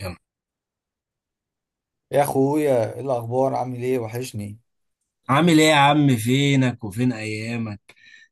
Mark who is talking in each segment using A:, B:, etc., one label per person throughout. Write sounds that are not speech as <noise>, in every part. A: يلا.
B: يا اخويا ايه الاخبار؟ عامل ايه؟ وحشني
A: عامل ايه يا عم؟ فينك وفين ايامك؟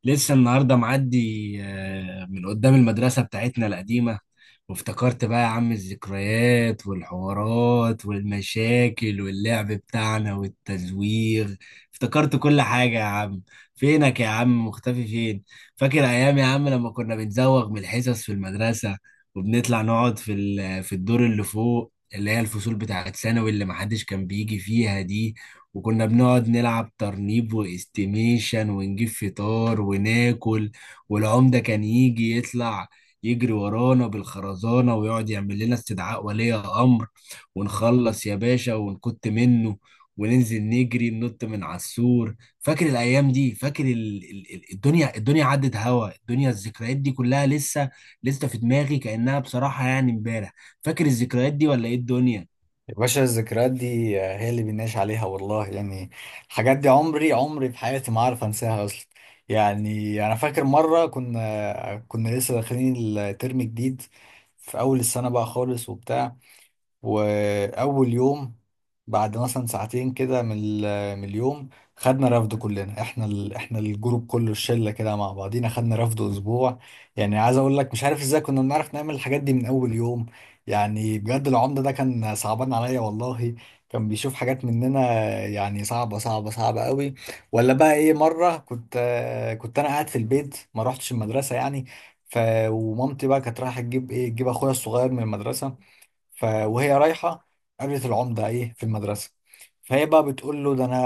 A: لسه النهارده معدي من قدام المدرسه بتاعتنا القديمه، وافتكرت بقى يا عم الذكريات والحوارات والمشاكل واللعب بتاعنا والتزويغ. افتكرت كل حاجه يا عم. فينك يا عم؟ مختفي فين؟ فاكر ايام يا عم لما كنا بنزوغ من الحصص في المدرسه، وبنطلع نقعد في الدور اللي فوق، اللي هي الفصول بتاعت ثانوي اللي محدش كان بيجي فيها دي. وكنا بنقعد نلعب ترنيب واستيميشن ونجيب فطار وناكل. والعمدة كان يجي يطلع يجري ورانا بالخرزانة، ويقعد يعمل لنا استدعاء ولي أمر، ونخلص يا باشا ونكت منه، وننزل نجري ننط من على السور. فاكر الأيام دي؟ فاكر الدنيا عدت هوا؟ الدنيا الذكريات دي كلها لسه في دماغي كأنها بصراحة يعني امبارح. فاكر الذكريات دي ولا ايه الدنيا؟
B: يا باشا. الذكريات دي آه، هي اللي بنعيش عليها والله. يعني الحاجات دي عمري في حياتي ما عارف انساها اصلا. يعني انا فاكر مره كنا لسه داخلين الترم جديد في اول السنه بقى خالص وبتاع، واول يوم بعد مثلا ساعتين كده من اليوم خدنا رفد كلنا، احنا احنا الجروب كله، الشله كده مع بعضينا خدنا رفد اسبوع. يعني عايز اقول لك مش عارف ازاي كنا بنعرف نعمل الحاجات دي من اول يوم. يعني بجد العمده ده كان صعبان عليا والله، كان بيشوف حاجات مننا يعني صعبه صعبه صعبه قوي. ولا بقى ايه، مره كنت انا قاعد في البيت، ما روحتش المدرسه يعني. ف ومامتي بقى كانت رايحه تجيب ايه، تجيب اخويا الصغير من المدرسه. وهي رايحة قابلت العمدة ايه في المدرسة، فهي بقى بتقول له ده انا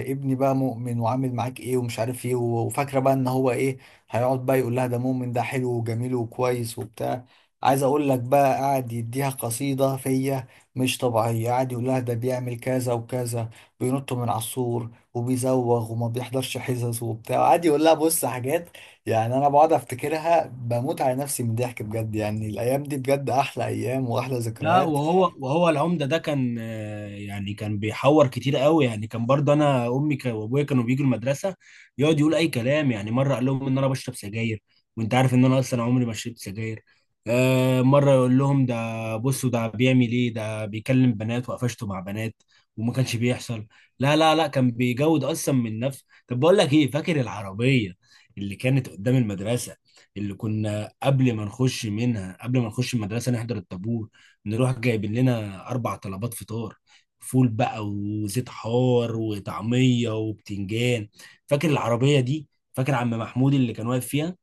B: ابني بقى مؤمن وعامل معاك ايه ومش عارف ايه، وفاكرة بقى ان هو ايه، هيقعد بقى يقول لها ده مؤمن ده حلو وجميل وكويس وبتاع. عايز اقول لك بقى قاعد يديها قصيدة فيا مش طبيعية، قاعد يقول لها ده بيعمل كذا وكذا، بينط من على السور وبيزوغ وما بيحضرش حصص وبتاع، قاعد يقول لها بص حاجات. يعني انا بقعد افتكرها بموت على نفسي من الضحك بجد. يعني الايام دي بجد احلى ايام واحلى
A: لا،
B: ذكريات.
A: وهو العمدة ده كان يعني كان بيحور كتير قوي، يعني كان برضه انا امي وابويا كانوا بيجوا المدرسة. يقعد يقول اي كلام، يعني مرة قال لهم ان انا بشرب سجاير، وانت عارف ان انا اصلا عمري ما شربت سجاير. مرة يقول لهم ده بصوا ده بيعمل ايه، ده بيكلم بنات وقفشته مع بنات، وما كانش بيحصل. لا لا لا، كان بيجود اصلا من نفسه. طب بقول لك ايه، فاكر العربية اللي كانت قدام المدرسة، اللي كنا قبل ما نخش منها، قبل ما نخش المدرسة نحضر الطابور نروح جايبين لنا 4 طلبات فطار، فول بقى وزيت حار وطعميه وبتنجان؟ فاكر العربيه دي؟ فاكر عم محمود اللي كان واقف فيها؟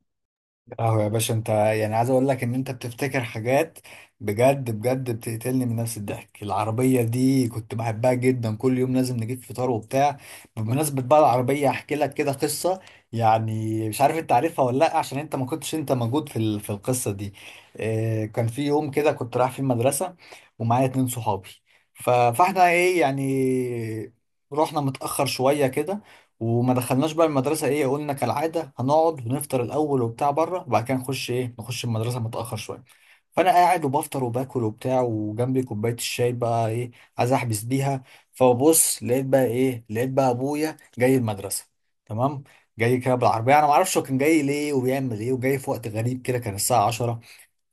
B: اه يا باشا، انت يعني عايز اقول لك ان انت بتفتكر حاجات بجد بجد بتقتلني من نفس الضحك. العربية دي كنت بحبها جدا، كل يوم لازم نجيب فطار وبتاع. بمناسبة بقى العربية، احكي لك كده قصة. يعني مش عارف انت عارفها ولا لا، عشان انت ما كنتش انت موجود في القصة دي. اه، كان في يوم كده كنت رايح في المدرسة ومعايا اتنين صحابي. ف- فاحنا ايه يعني، رحنا متأخر شوية كده وما دخلناش بقى المدرسة، ايه قلنا كالعادة هنقعد ونفطر الأول وبتاع بره، وبعد كده نخش ايه نخش المدرسة متأخر شوية. فأنا قاعد وبفطر وباكل وبتاع، وجنبي كوباية الشاي بقى ايه عايز أحبس بيها. فببص لقيت بقى ايه، لقيت بقى أبويا جاي المدرسة. تمام، جاي كده بالعربية. أنا معرفش هو كان جاي ليه وبيعمل ايه، وجاي في وقت غريب كده، كان الساعة 10.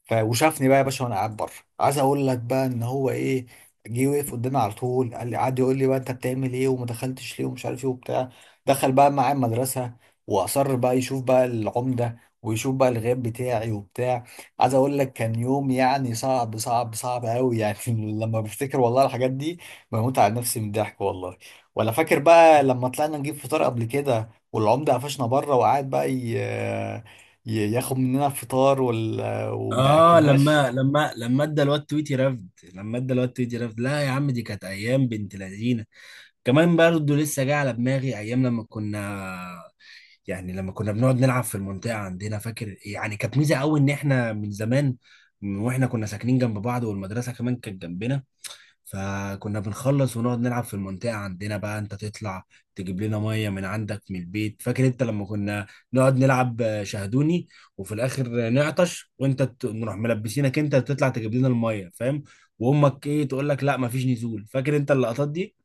B: وشافني بقى يا باشا وانا قاعد بره. عايز اقول لك بقى ان هو ايه، جه وقف قدامي على طول، قال لي قعد يقول لي بقى انت بتعمل ايه وما دخلتش ليه ومش عارف ايه وبتاع. دخل بقى معايا المدرسه، واصر بقى يشوف بقى العمده ويشوف بقى الغياب بتاعي وبتاع. عايز اقول لك كان يوم يعني صعب صعب صعب قوي يعني. <laughs> لما بفتكر والله الحاجات دي بموت على نفسي من الضحك والله. ولا فاكر بقى لما طلعنا نجيب فطار قبل كده، والعمده قفشنا بره وقعد بقى ياخد مننا الفطار وما
A: اه،
B: اكلناش.
A: لما ادى الواد تويتي رفد، لما ادى الواد تويتي رفد. لا يا عم، دي كانت ايام بنت لذينه. كمان برضه لسه جاي على دماغي ايام لما كنا يعني لما كنا بنقعد نلعب في المنطقه عندنا. فاكر يعني كانت ميزه قوي ان احنا من زمان، من واحنا كنا ساكنين جنب بعض والمدرسه كمان كانت جنبنا، فكنا بنخلص ونقعد نلعب في المنطقة عندنا، بقى انت تطلع تجيب لنا مية من عندك من البيت. فاكر انت لما كنا نقعد نلعب شاهدوني، وفي الاخر نعطش وانت نروح ملبسينك انت تطلع تجيب لنا المية، فاهم؟ وامك ايه تقول لك لا مفيش نزول. فاكر انت اللقطات دي؟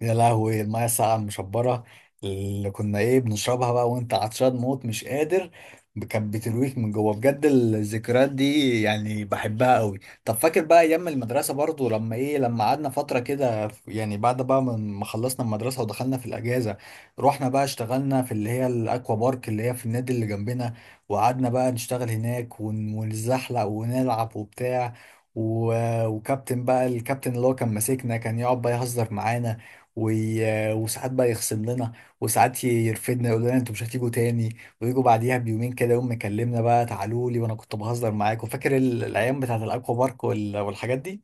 B: يا لهوي، المايه الساقعة المشبرة اللي كنا ايه بنشربها بقى وانت عطشان موت مش قادر، كانت بترويك من جوه بجد. الذكريات دي يعني بحبها قوي. طب فاكر بقى ايام المدرسة برضو لما ايه، لما قعدنا فترة كده يعني بعد بقى ما خلصنا المدرسة ودخلنا في الاجازة، رحنا بقى اشتغلنا في اللي هي الاكوا بارك اللي هي في النادي اللي جنبنا. وقعدنا بقى نشتغل هناك ونزحلق ونلعب وبتاع. و... وكابتن بقى، الكابتن اللي هو كان ماسكنا كان يقعد بقى يهزر معانا وساعات بقى يخصم لنا، وساعات يرفدنا، يقول لنا انتوا مش هتيجوا تاني، ويجوا بعديها بيومين كده يوم مكلمنا بقى تعالوا لي وانا كنت بهزر معاكم. فاكر الايام بتاعت الاكوا بارك والحاجات دي.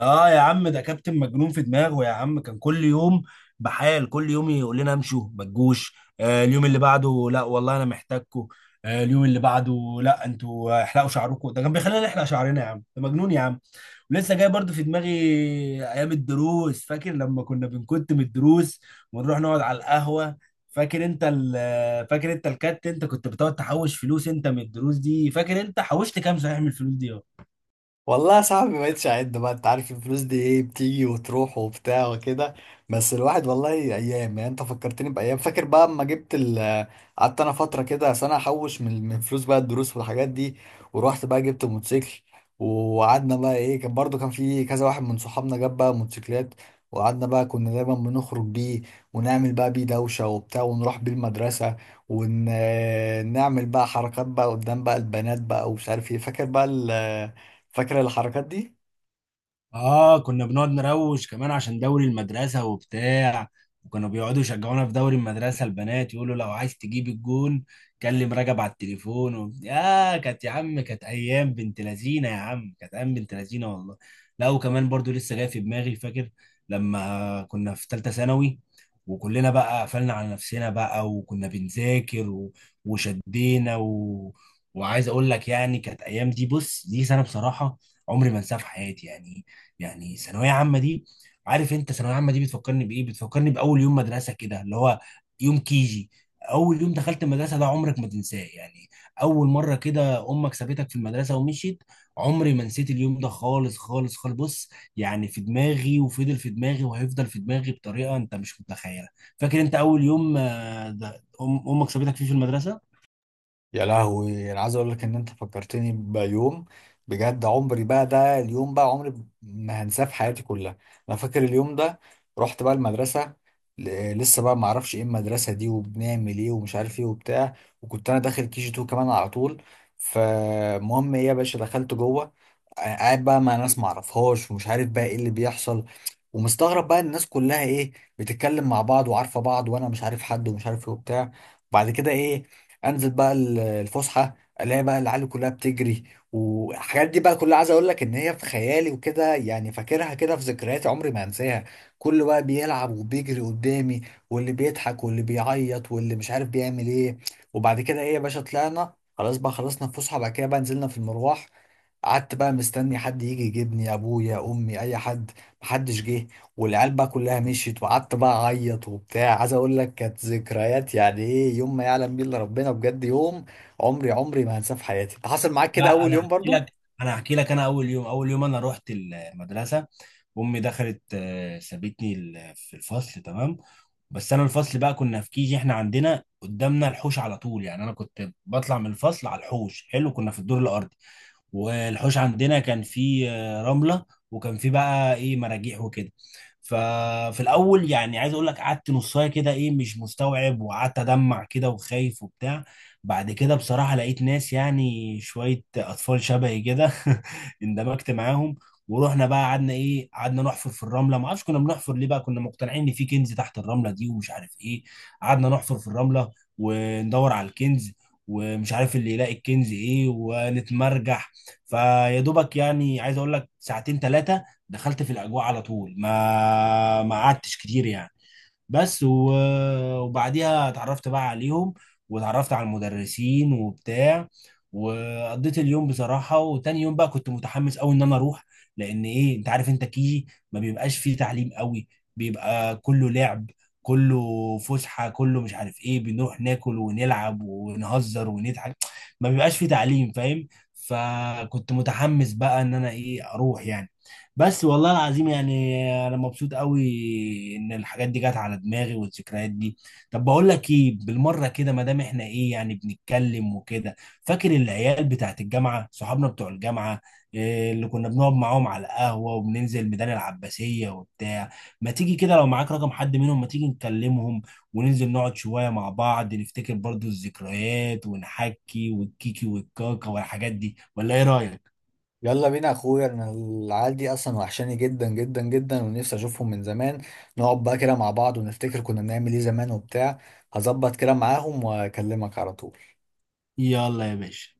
A: اه يا عم ده كابتن مجنون في دماغه يا عم. كان كل يوم بحال، كل يوم يقول لنا امشوا ما تجوش. آه، اليوم اللي بعده لا والله انا محتاجكم. آه، اليوم اللي بعده لا انتوا احلقوا شعركم. ده كان بيخلينا نحلق شعرنا يا عم، ده مجنون يا عم. ولسه جاي برضو في دماغي ايام الدروس. فاكر لما كنا بنكت من الدروس ونروح نقعد على القهوة؟ فاكر انت فاكر انت الكات، انت كنت بتقعد تحوش فلوس انت من الدروس دي، فاكر انت حوشت كام صحيح من الفلوس دي؟
B: والله يا صاحبي ما بقتش اعد بقى، انت عارف الفلوس دي ايه بتيجي وتروح وبتاع وكده. بس الواحد والله ايام، يعني انت فكرتني بايام. فاكر بقى اما جبت ال، قعدت انا فتره كده سنه احوش من فلوس بقى الدروس والحاجات دي، ورحت بقى جبت موتوسيكل. وقعدنا بقى ايه، كان برضو كان في كذا واحد من صحابنا جاب بقى موتوسيكلات. وقعدنا بقى كنا دايما بنخرج بيه، ونعمل بقى بيه دوشه وبتاع، ونروح بيه المدرسه، ونعمل بقى حركات بقى قدام بقى البنات بقى ومش عارف ايه. فاكر بقى، فاكرة الحركات دي؟
A: اه، كنا بنقعد نروش كمان عشان دوري المدرسة وبتاع. وكانوا بيقعدوا يشجعونا في دوري المدرسة البنات، يقولوا لو عايز تجيب الجون كلم رجب على التليفون و... يا كانت يا عم، كانت ايام بنت لذينة يا عم، كانت ايام بنت لذينة والله. لا، وكمان برضو لسه جاي في دماغي فاكر لما كنا في ثالثة ثانوي وكلنا بقى قفلنا على نفسنا بقى، وكنا بنذاكر وشدينا وعايز اقول لك يعني كانت ايام دي. بص، دي سنة بصراحة عمري ما انساها في حياتي يعني. يعني ثانوية عامة دي، عارف انت ثانوية عامة دي بتفكرني بإيه؟ بتفكرني بأول يوم مدرسة كده، اللي هو يوم كيجي. أول يوم دخلت المدرسة ده عمرك ما تنساه يعني. أول مرة كده أمك سابتك في المدرسة ومشيت. عمري ما نسيت اليوم ده خالص خالص خالص. بص، يعني في دماغي، وفضل في دماغي، وهيفضل في دماغي بطريقة أنت مش متخيلة. فاكر أنت أول يوم ده أمك سابتك فيه في المدرسة؟
B: يا لهوي، انا عايز اقول لك ان انت فكرتني بيوم بجد، عمري بقى، ده اليوم بقى عمري ما هنساه في حياتي كلها. انا فاكر اليوم ده، رحت بقى المدرسه، لسه بقى ما اعرفش ايه المدرسه دي وبنعمل ايه ومش عارف ايه وبتاع. وكنت انا داخل كي جي 2 كمان، على طول فالمهم ايه يا باشا دخلت جوه. آه، قاعد بقى مع ناس ما اعرفهاش ومش عارف بقى ايه اللي بيحصل، ومستغرب بقى إن الناس كلها ايه بتتكلم مع بعض وعارفه بعض، وانا مش عارف حد ومش عارف ايه وبتاع. بعد كده ايه، انزل بقى الفسحه، الاقي بقى العيال كلها بتجري. والحاجات دي بقى كلها عايز اقول لك ان هي في خيالي وكده، يعني فاكرها كده في ذكرياتي عمري ما هنساها. كله بقى بيلعب وبيجري قدامي، واللي بيضحك واللي بيعيط واللي مش عارف بيعمل ايه. وبعد كده ايه يا باشا طلعنا، خلاص بقى خلصنا الفسحه، بعد كده بقى نزلنا في المروح. قعدت بقى مستني حد يجي يجيبني، ابويا، امي، اي حد، محدش جه. والعيال بقى كلها مشيت، وقعدت بقى اعيط وبتاع. عايز اقول لك كانت ذكريات يعني ايه، يوم ما يعلم بيه الا ربنا بجد، يوم عمري ما هنساه في حياتي. انت حصل معاك كده
A: لا،
B: اول
A: أنا
B: يوم
A: هحكي
B: برضو؟
A: لك. أنا أول يوم، أنا رحت المدرسة، امي دخلت سابتني في الفصل، تمام. بس انا الفصل بقى كنا في كيجي، احنا عندنا قدامنا الحوش على طول يعني، انا كنت بطلع من الفصل على الحوش حلو، كنا في الدور الارضي. والحوش عندنا كان فيه رملة، وكان فيه بقى ايه مراجيح وكده. ففي الاول يعني عايز اقول لك قعدت نصايه كده ايه، مش مستوعب، وقعدت ادمع كده وخايف وبتاع. بعد كده بصراحه لقيت ناس يعني شويه اطفال شبهي كده. <laughs> اندمجت معاهم، ورحنا بقى قعدنا ايه، قعدنا نحفر في الرمله. ما اعرفش كنا بنحفر ليه، بقى كنا مقتنعين ان في كنز تحت الرمله دي ومش عارف ايه. قعدنا نحفر في الرمله وندور على الكنز، ومش عارف اللي يلاقي الكنز ايه، ونتمرجح. فيا دوبك يعني عايز اقول لك ساعتين ثلاثه، دخلت في الاجواء على طول، ما قعدتش كتير يعني. بس و... وبعديها اتعرفت بقى عليهم واتعرفت على المدرسين وبتاع، وقضيت اليوم بصراحة. وتاني يوم بقى كنت متحمس قوي ان انا اروح، لان ايه انت عارف انت كيجي ما بيبقاش فيه تعليم قوي، بيبقى كله لعب، كله فسحة، كله مش عارف ايه، بنروح ناكل ونلعب ونهزر ونضحك، ما بيبقاش فيه تعليم، فاهم؟ فكنت متحمس بقى ان انا ايه اروح يعني. بس والله العظيم يعني انا مبسوط قوي ان الحاجات دي جت على دماغي والذكريات دي. طب بقول لك ايه، بالمره كده ما دام احنا ايه يعني بنتكلم وكده، فاكر العيال بتاعت الجامعه، صحابنا بتوع الجامعه، إيه اللي كنا بنقعد معاهم على القهوه وبننزل ميدان العباسيه وبتاع؟ ما تيجي كده لو معاك رقم حد منهم، ما تيجي نكلمهم وننزل نقعد شويه مع بعض نفتكر برضو الذكريات، ونحكي والكيكي والكاكا والحاجات دي، ولا ايه رايك؟
B: يلا بينا يا اخويا، انا العيال دي اصلا وحشاني جدا جدا جدا ونفسي اشوفهم من زمان. نقعد بقى كده مع بعض ونفتكر كنا بنعمل ايه زمان وبتاع. هظبط كده معاهم واكلمك على طول.
A: يلا يا باشا.